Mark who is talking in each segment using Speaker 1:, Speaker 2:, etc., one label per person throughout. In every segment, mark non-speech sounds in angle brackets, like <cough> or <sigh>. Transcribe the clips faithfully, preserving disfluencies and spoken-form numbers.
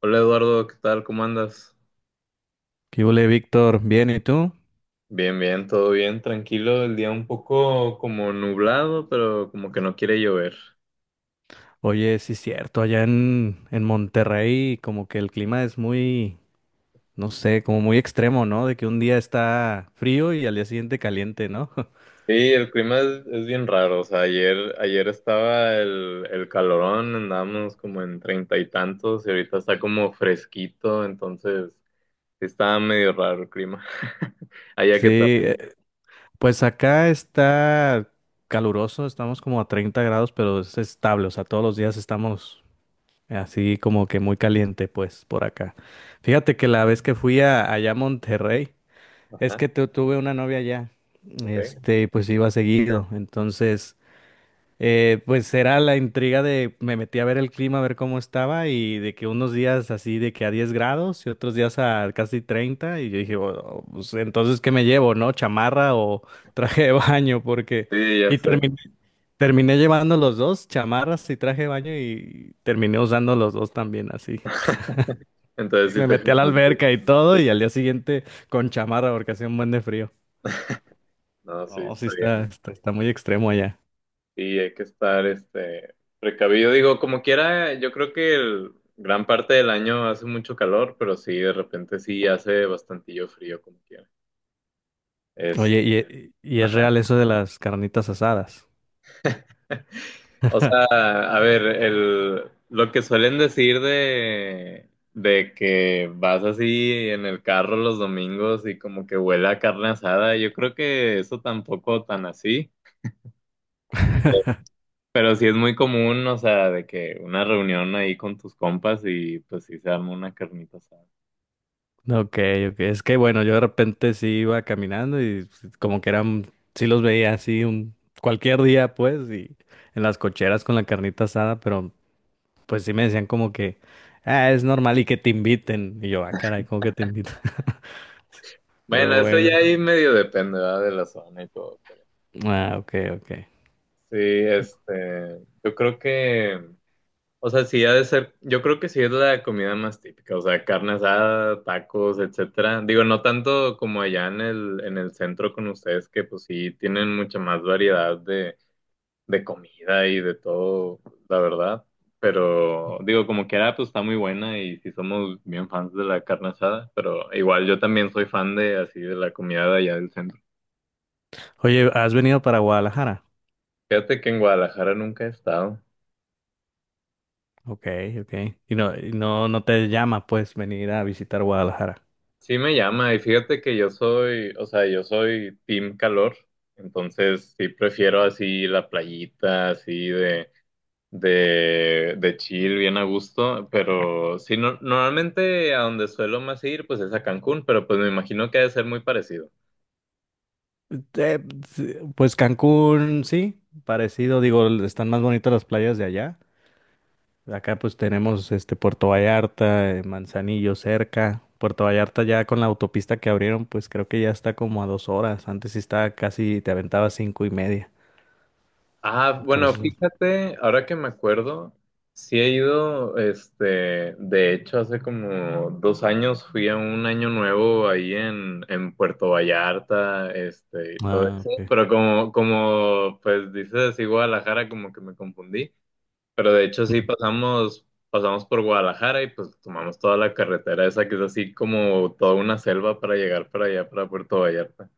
Speaker 1: Hola Eduardo, ¿qué tal? ¿Cómo andas?
Speaker 2: ¿Qué hubo, Víctor? Bien, ¿y tú?
Speaker 1: Bien, bien, todo bien, tranquilo. El día un poco como nublado, pero como que no quiere llover.
Speaker 2: Oye, sí es cierto, allá en, en Monterrey como que el clima es muy, no sé, como muy extremo, ¿no? De que un día está frío y al día siguiente caliente, ¿no? <laughs>
Speaker 1: Sí, el clima es, es bien raro. O sea, ayer, ayer estaba el, el calorón, andábamos como en treinta y tantos, y ahorita está como fresquito, entonces está medio raro el clima. <laughs> Allá
Speaker 2: Sí,
Speaker 1: qué tal,
Speaker 2: eh, pues acá está caluroso, estamos como a treinta grados, pero es estable, o sea, todos los días estamos así como que muy caliente, pues, por acá. Fíjate que la vez que fui a, allá a Monterrey, es
Speaker 1: ajá,
Speaker 2: que tu- tuve una novia allá,
Speaker 1: ok.
Speaker 2: este, pues iba seguido, entonces... Eh, pues era la intriga de me metí a ver el clima, a ver cómo estaba y de que unos días así de que a diez grados y otros días a casi treinta y yo dije, "Oh, pues entonces ¿qué me llevo, no? ¿Chamarra o <laughs> traje de baño? Porque
Speaker 1: Sí, ya
Speaker 2: y
Speaker 1: sé.
Speaker 2: terminé, terminé llevando los dos, chamarras y traje de baño y terminé usando los dos también así.
Speaker 1: Entonces
Speaker 2: Y
Speaker 1: sí
Speaker 2: me
Speaker 1: te...
Speaker 2: metí a la alberca y todo y al día siguiente con chamarra porque hacía un buen de frío.
Speaker 1: No, sí,
Speaker 2: No, sí
Speaker 1: está
Speaker 2: está,
Speaker 1: bien.
Speaker 2: está, está muy extremo allá.
Speaker 1: Sí, hay que estar este precavido. Digo, como quiera, yo creo que el, gran parte del año hace mucho calor, pero sí, de repente sí hace bastantillo frío, como quiera. Es,
Speaker 2: Oye, y, y es
Speaker 1: ajá.
Speaker 2: real eso de las carnitas asadas.
Speaker 1: O sea, a ver, el, lo que suelen decir de, de que vas así en el carro los domingos y como que huele a carne asada, yo creo que eso tampoco tan así. Pero sí es muy común, o sea, de que una reunión ahí con tus compas y pues sí se arma una carnita asada.
Speaker 2: Ok, ok. Es que bueno, yo de repente sí iba caminando y como que eran, sí los veía así un cualquier día, pues, y en las cocheras con la carnita asada, pero pues sí me decían como que, ah, es normal y que te inviten. Y yo, ah, caray, ¿cómo que te invitan? <laughs>
Speaker 1: Bueno,
Speaker 2: Pero
Speaker 1: eso
Speaker 2: bueno.
Speaker 1: ya ahí medio depende, ¿verdad? De la zona y todo.
Speaker 2: Ah, ok, ok.
Speaker 1: Sí, este, yo creo que, o sea, sí ha de ser, yo creo que sí es la comida más típica, o sea, carne asada, tacos, etcétera. Digo, no tanto como allá en el, en el centro con ustedes, que pues sí tienen mucha más variedad de, de comida y de todo, la verdad. Pero digo, como quiera, pues está muy buena y sí somos bien fans de la carne asada, pero igual yo también soy fan de así de la comida de allá del centro.
Speaker 2: Oye, ¿has venido para Guadalajara?
Speaker 1: Fíjate que en Guadalajara nunca he estado.
Speaker 2: Ok, ok. Y no, y no, no te llama, pues, venir a visitar Guadalajara.
Speaker 1: Sí me llama y fíjate que yo soy, o sea, yo soy team calor, entonces sí prefiero así la playita, así de, de, de chill, bien a gusto, pero sí, no- normalmente a donde suelo más ir, pues es a Cancún, pero pues me imagino que ha de ser muy parecido.
Speaker 2: Eh, sí, pues Cancún, sí, parecido, digo, están más bonitas las playas de allá. Acá pues tenemos este Puerto Vallarta, eh, Manzanillo cerca. Puerto Vallarta ya con la autopista que abrieron, pues creo que ya está como a dos horas. Antes sí estaba casi, te aventaba cinco y media.
Speaker 1: Ah, bueno,
Speaker 2: Entonces,
Speaker 1: fíjate, ahora que me acuerdo, sí he ido, este, de hecho, hace como dos años fui a un año nuevo ahí en, en Puerto Vallarta, este, y todo
Speaker 2: ah,
Speaker 1: eso.
Speaker 2: ok.
Speaker 1: Pero como, como, pues dices, sí, Guadalajara, como que me confundí. Pero de hecho
Speaker 2: Ujú.
Speaker 1: sí pasamos, pasamos por Guadalajara y pues tomamos toda la carretera esa que es así como toda una selva para llegar para allá, para Puerto Vallarta.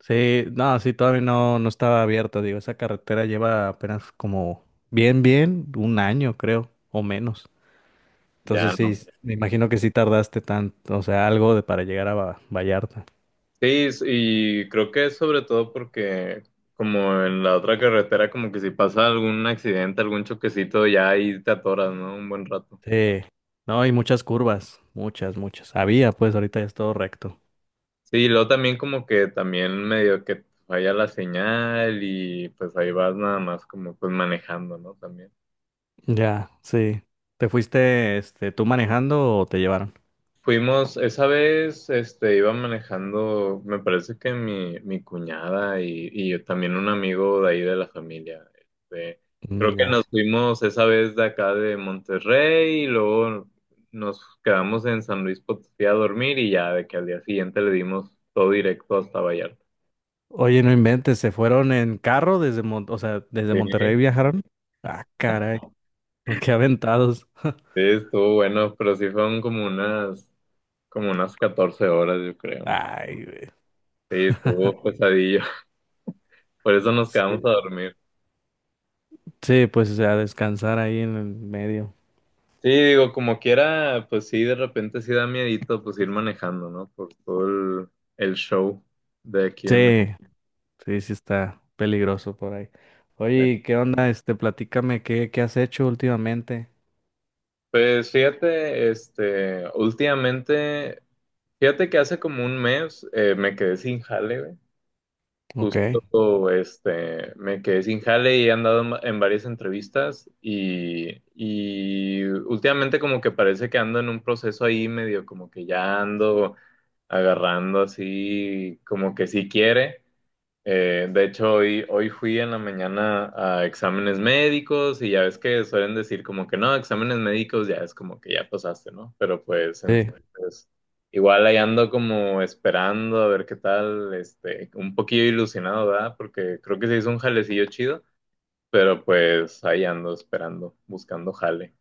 Speaker 2: Sí, no, sí, todavía no, no estaba abierta. Digo, esa carretera lleva apenas como bien, bien, un año creo, o menos.
Speaker 1: Ya
Speaker 2: Entonces sí,
Speaker 1: no.
Speaker 2: me imagino que sí tardaste tanto, o sea, algo de para llegar a Va- Vallarta.
Speaker 1: Sí, y creo que es sobre todo porque como en la otra carretera, como que si pasa algún accidente, algún choquecito, ya ahí te atoras, ¿no? Un buen rato.
Speaker 2: Sí, no, hay muchas curvas, muchas, muchas. Había, pues ahorita ya es todo recto.
Speaker 1: Sí, y luego también como que también medio que falla la señal y pues ahí vas nada más como pues manejando, ¿no? También.
Speaker 2: Ya, sí. ¿Te fuiste, este, tú manejando o te llevaron?
Speaker 1: Fuimos, esa vez, este, iba manejando, me parece que mi, mi cuñada y, y yo también un amigo de ahí de la familia. Este,
Speaker 2: Mm,
Speaker 1: creo que
Speaker 2: ya.
Speaker 1: nos fuimos esa vez de acá de Monterrey y luego nos quedamos en San Luis Potosí a dormir y ya de que al día siguiente le dimos todo directo hasta Vallarta.
Speaker 2: Oye, no inventes, ¿se fueron en carro desde Mon- o sea, desde
Speaker 1: Sí,
Speaker 2: Monterrey
Speaker 1: sí,
Speaker 2: viajaron? Ah, caray, <laughs> qué aventados.
Speaker 1: estuvo bueno, pero sí fueron como unas, como unas catorce horas, yo creo. ¿No?
Speaker 2: Ay, güey.
Speaker 1: Sí, estuvo pesadillo. <laughs> Por eso nos quedamos a
Speaker 2: Sí,
Speaker 1: dormir.
Speaker 2: sí, pues, o sea, descansar ahí en el medio.
Speaker 1: Sí, digo, como quiera, pues sí, de repente sí da miedito pues ir manejando, ¿no? Por todo el, el show de aquí en México.
Speaker 2: Sí, sí, sí está peligroso por ahí. Oye, ¿qué onda? Este, platícame, ¿qué, ¿qué has hecho últimamente?
Speaker 1: Pues fíjate, este, últimamente, fíjate que hace como un mes eh, me quedé sin jale, güey.
Speaker 2: Ok.
Speaker 1: Justo, este, me quedé sin jale y he andado en, en varias entrevistas y, y últimamente como que parece que ando en un proceso ahí medio como que ya ando agarrando así, como que sí quiere. Eh, de hecho, hoy, hoy fui en la mañana a exámenes médicos y ya ves que suelen decir como que no, exámenes médicos ya es como que ya pasaste, ¿no? Pero pues
Speaker 2: Sí.
Speaker 1: entonces, igual ahí ando como esperando a ver qué tal, este, un poquillo ilusionado, ¿verdad? Porque creo que se hizo un jalecillo chido, pero pues ahí ando esperando, buscando jale.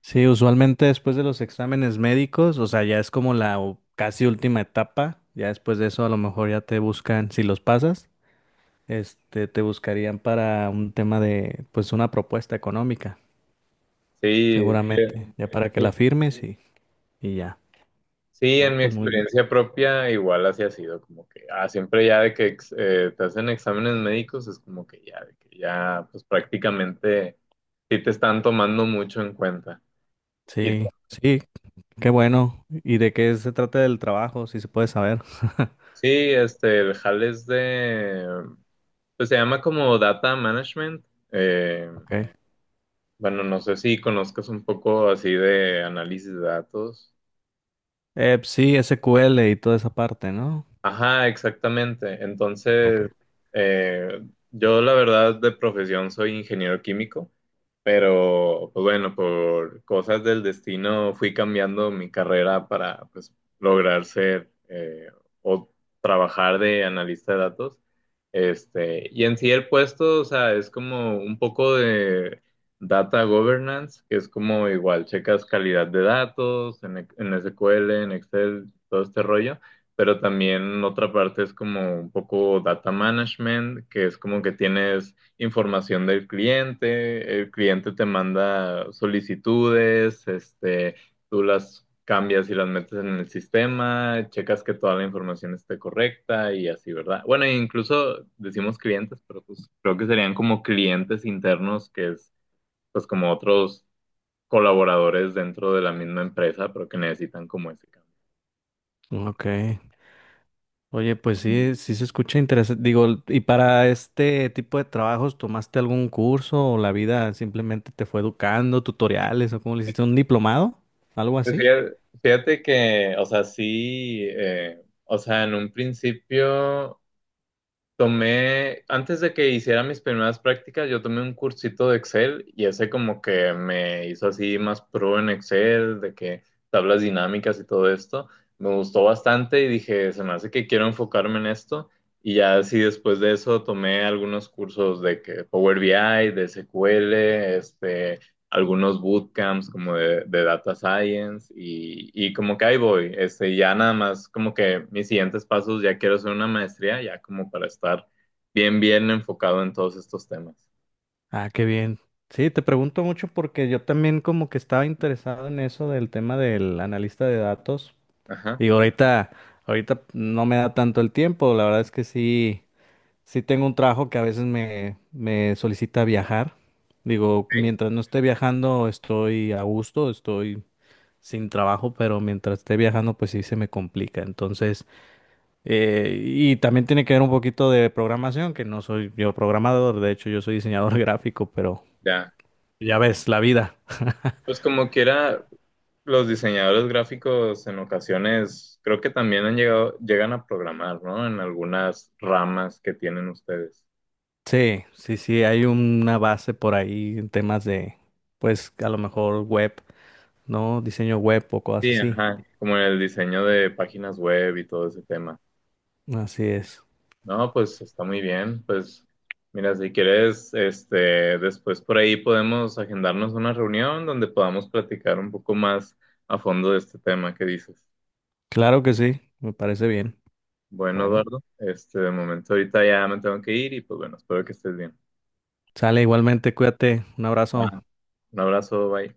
Speaker 2: Sí, usualmente después de los exámenes médicos, o sea, ya es como la u- casi última etapa, ya después de eso a lo mejor ya te buscan, si los pasas, este, te buscarían para un tema de, pues una propuesta económica,
Speaker 1: Sí,
Speaker 2: seguramente, ya para que la
Speaker 1: sí.
Speaker 2: firmes y, y ya,
Speaker 1: Sí,
Speaker 2: ¿no?
Speaker 1: en mi
Speaker 2: Pues muy bien.
Speaker 1: experiencia propia igual así ha sido, como que ah, siempre ya de que ex- eh, te hacen exámenes médicos es como que ya, de que ya pues prácticamente sí te están tomando mucho en cuenta. Y
Speaker 2: Sí, sí, qué bueno. ¿Y de qué se trata el trabajo, si se puede saber?
Speaker 1: sí, este, el HAL es de, pues se llama como Data Management. Eh,
Speaker 2: Ok.
Speaker 1: bueno, no sé si conozcas un poco así de análisis de datos.
Speaker 2: Eh, pues sí, S Q L y toda esa parte, ¿no?
Speaker 1: Ajá, exactamente. Entonces,
Speaker 2: Ok.
Speaker 1: eh, yo la verdad de profesión soy ingeniero químico, pero pues bueno, por cosas del destino fui cambiando mi carrera para pues lograr ser eh, o trabajar de analista de datos. Este, y en sí el puesto, o sea, es como un poco de data governance, que es como igual checas calidad de datos en, E, en ese cu ele, en Excel, todo este rollo, pero también otra parte es como un poco data management, que es como que tienes información del cliente, el cliente te manda solicitudes, este, tú las cambias y las metes en el sistema, checas que toda la información esté correcta y así, ¿verdad? Bueno, e incluso decimos clientes, pero pues creo que serían como clientes internos, que es pues como otros colaboradores dentro de la misma empresa, pero que necesitan como ese cambio.
Speaker 2: Ok. Oye, pues sí, sí se escucha interesante. Digo, ¿y para este tipo de trabajos tomaste algún curso o la vida simplemente te fue educando, tutoriales o cómo le hiciste un diplomado? ¿Algo
Speaker 1: Pues
Speaker 2: así?
Speaker 1: Fíjate, fíjate que, o sea, sí, eh, o sea, en un principio tomé, antes de que hiciera mis primeras prácticas, yo tomé un cursito de Excel y ese como que me hizo así más pro en Excel, de que tablas dinámicas y todo esto. Me gustó bastante y dije, se me hace que quiero enfocarme en esto. Y ya así después de eso tomé algunos cursos de que Power B I, de ese cu ele, este algunos bootcamps como de, de data science y, y como que ahí voy, este, ya nada más como que mis siguientes pasos, ya quiero hacer una maestría, ya como para estar bien, bien enfocado en todos estos temas.
Speaker 2: Ah, qué bien. Sí, te pregunto mucho porque yo también como que estaba interesado en eso del tema del analista de datos.
Speaker 1: Ajá,
Speaker 2: Digo, ahorita, ahorita no me da tanto el tiempo. La verdad es que sí, sí tengo un trabajo que a veces me, me solicita viajar. Digo,
Speaker 1: sí
Speaker 2: mientras no esté viajando, estoy a gusto, estoy sin trabajo, pero mientras esté viajando, pues sí se me complica. Entonces, eh, y también tiene que ver un poquito de programación, que no soy yo programador, de hecho yo soy diseñador <laughs> gráfico, pero
Speaker 1: ya.
Speaker 2: ya ves, la vida.
Speaker 1: Pues como quiera, los diseñadores gráficos en ocasiones creo que también han llegado, llegan a programar, ¿no? En algunas ramas que tienen ustedes.
Speaker 2: Sí, sí, sí, hay una base por ahí en temas de, pues a lo mejor web, ¿no? Diseño web o cosas
Speaker 1: Sí,
Speaker 2: así.
Speaker 1: ajá, como en el diseño de páginas web y todo ese tema.
Speaker 2: Así es.
Speaker 1: No, pues está muy bien. Pues mira, si quieres, este, después por ahí podemos agendarnos una reunión donde podamos platicar un poco más a fondo de este tema que dices.
Speaker 2: Claro que sí, me parece bien.
Speaker 1: Bueno,
Speaker 2: Bueno,
Speaker 1: Eduardo, este, de momento ahorita ya me tengo que ir y pues bueno, espero que estés bien.
Speaker 2: sale igualmente, cuídate, un abrazo.
Speaker 1: Va. Un abrazo, bye.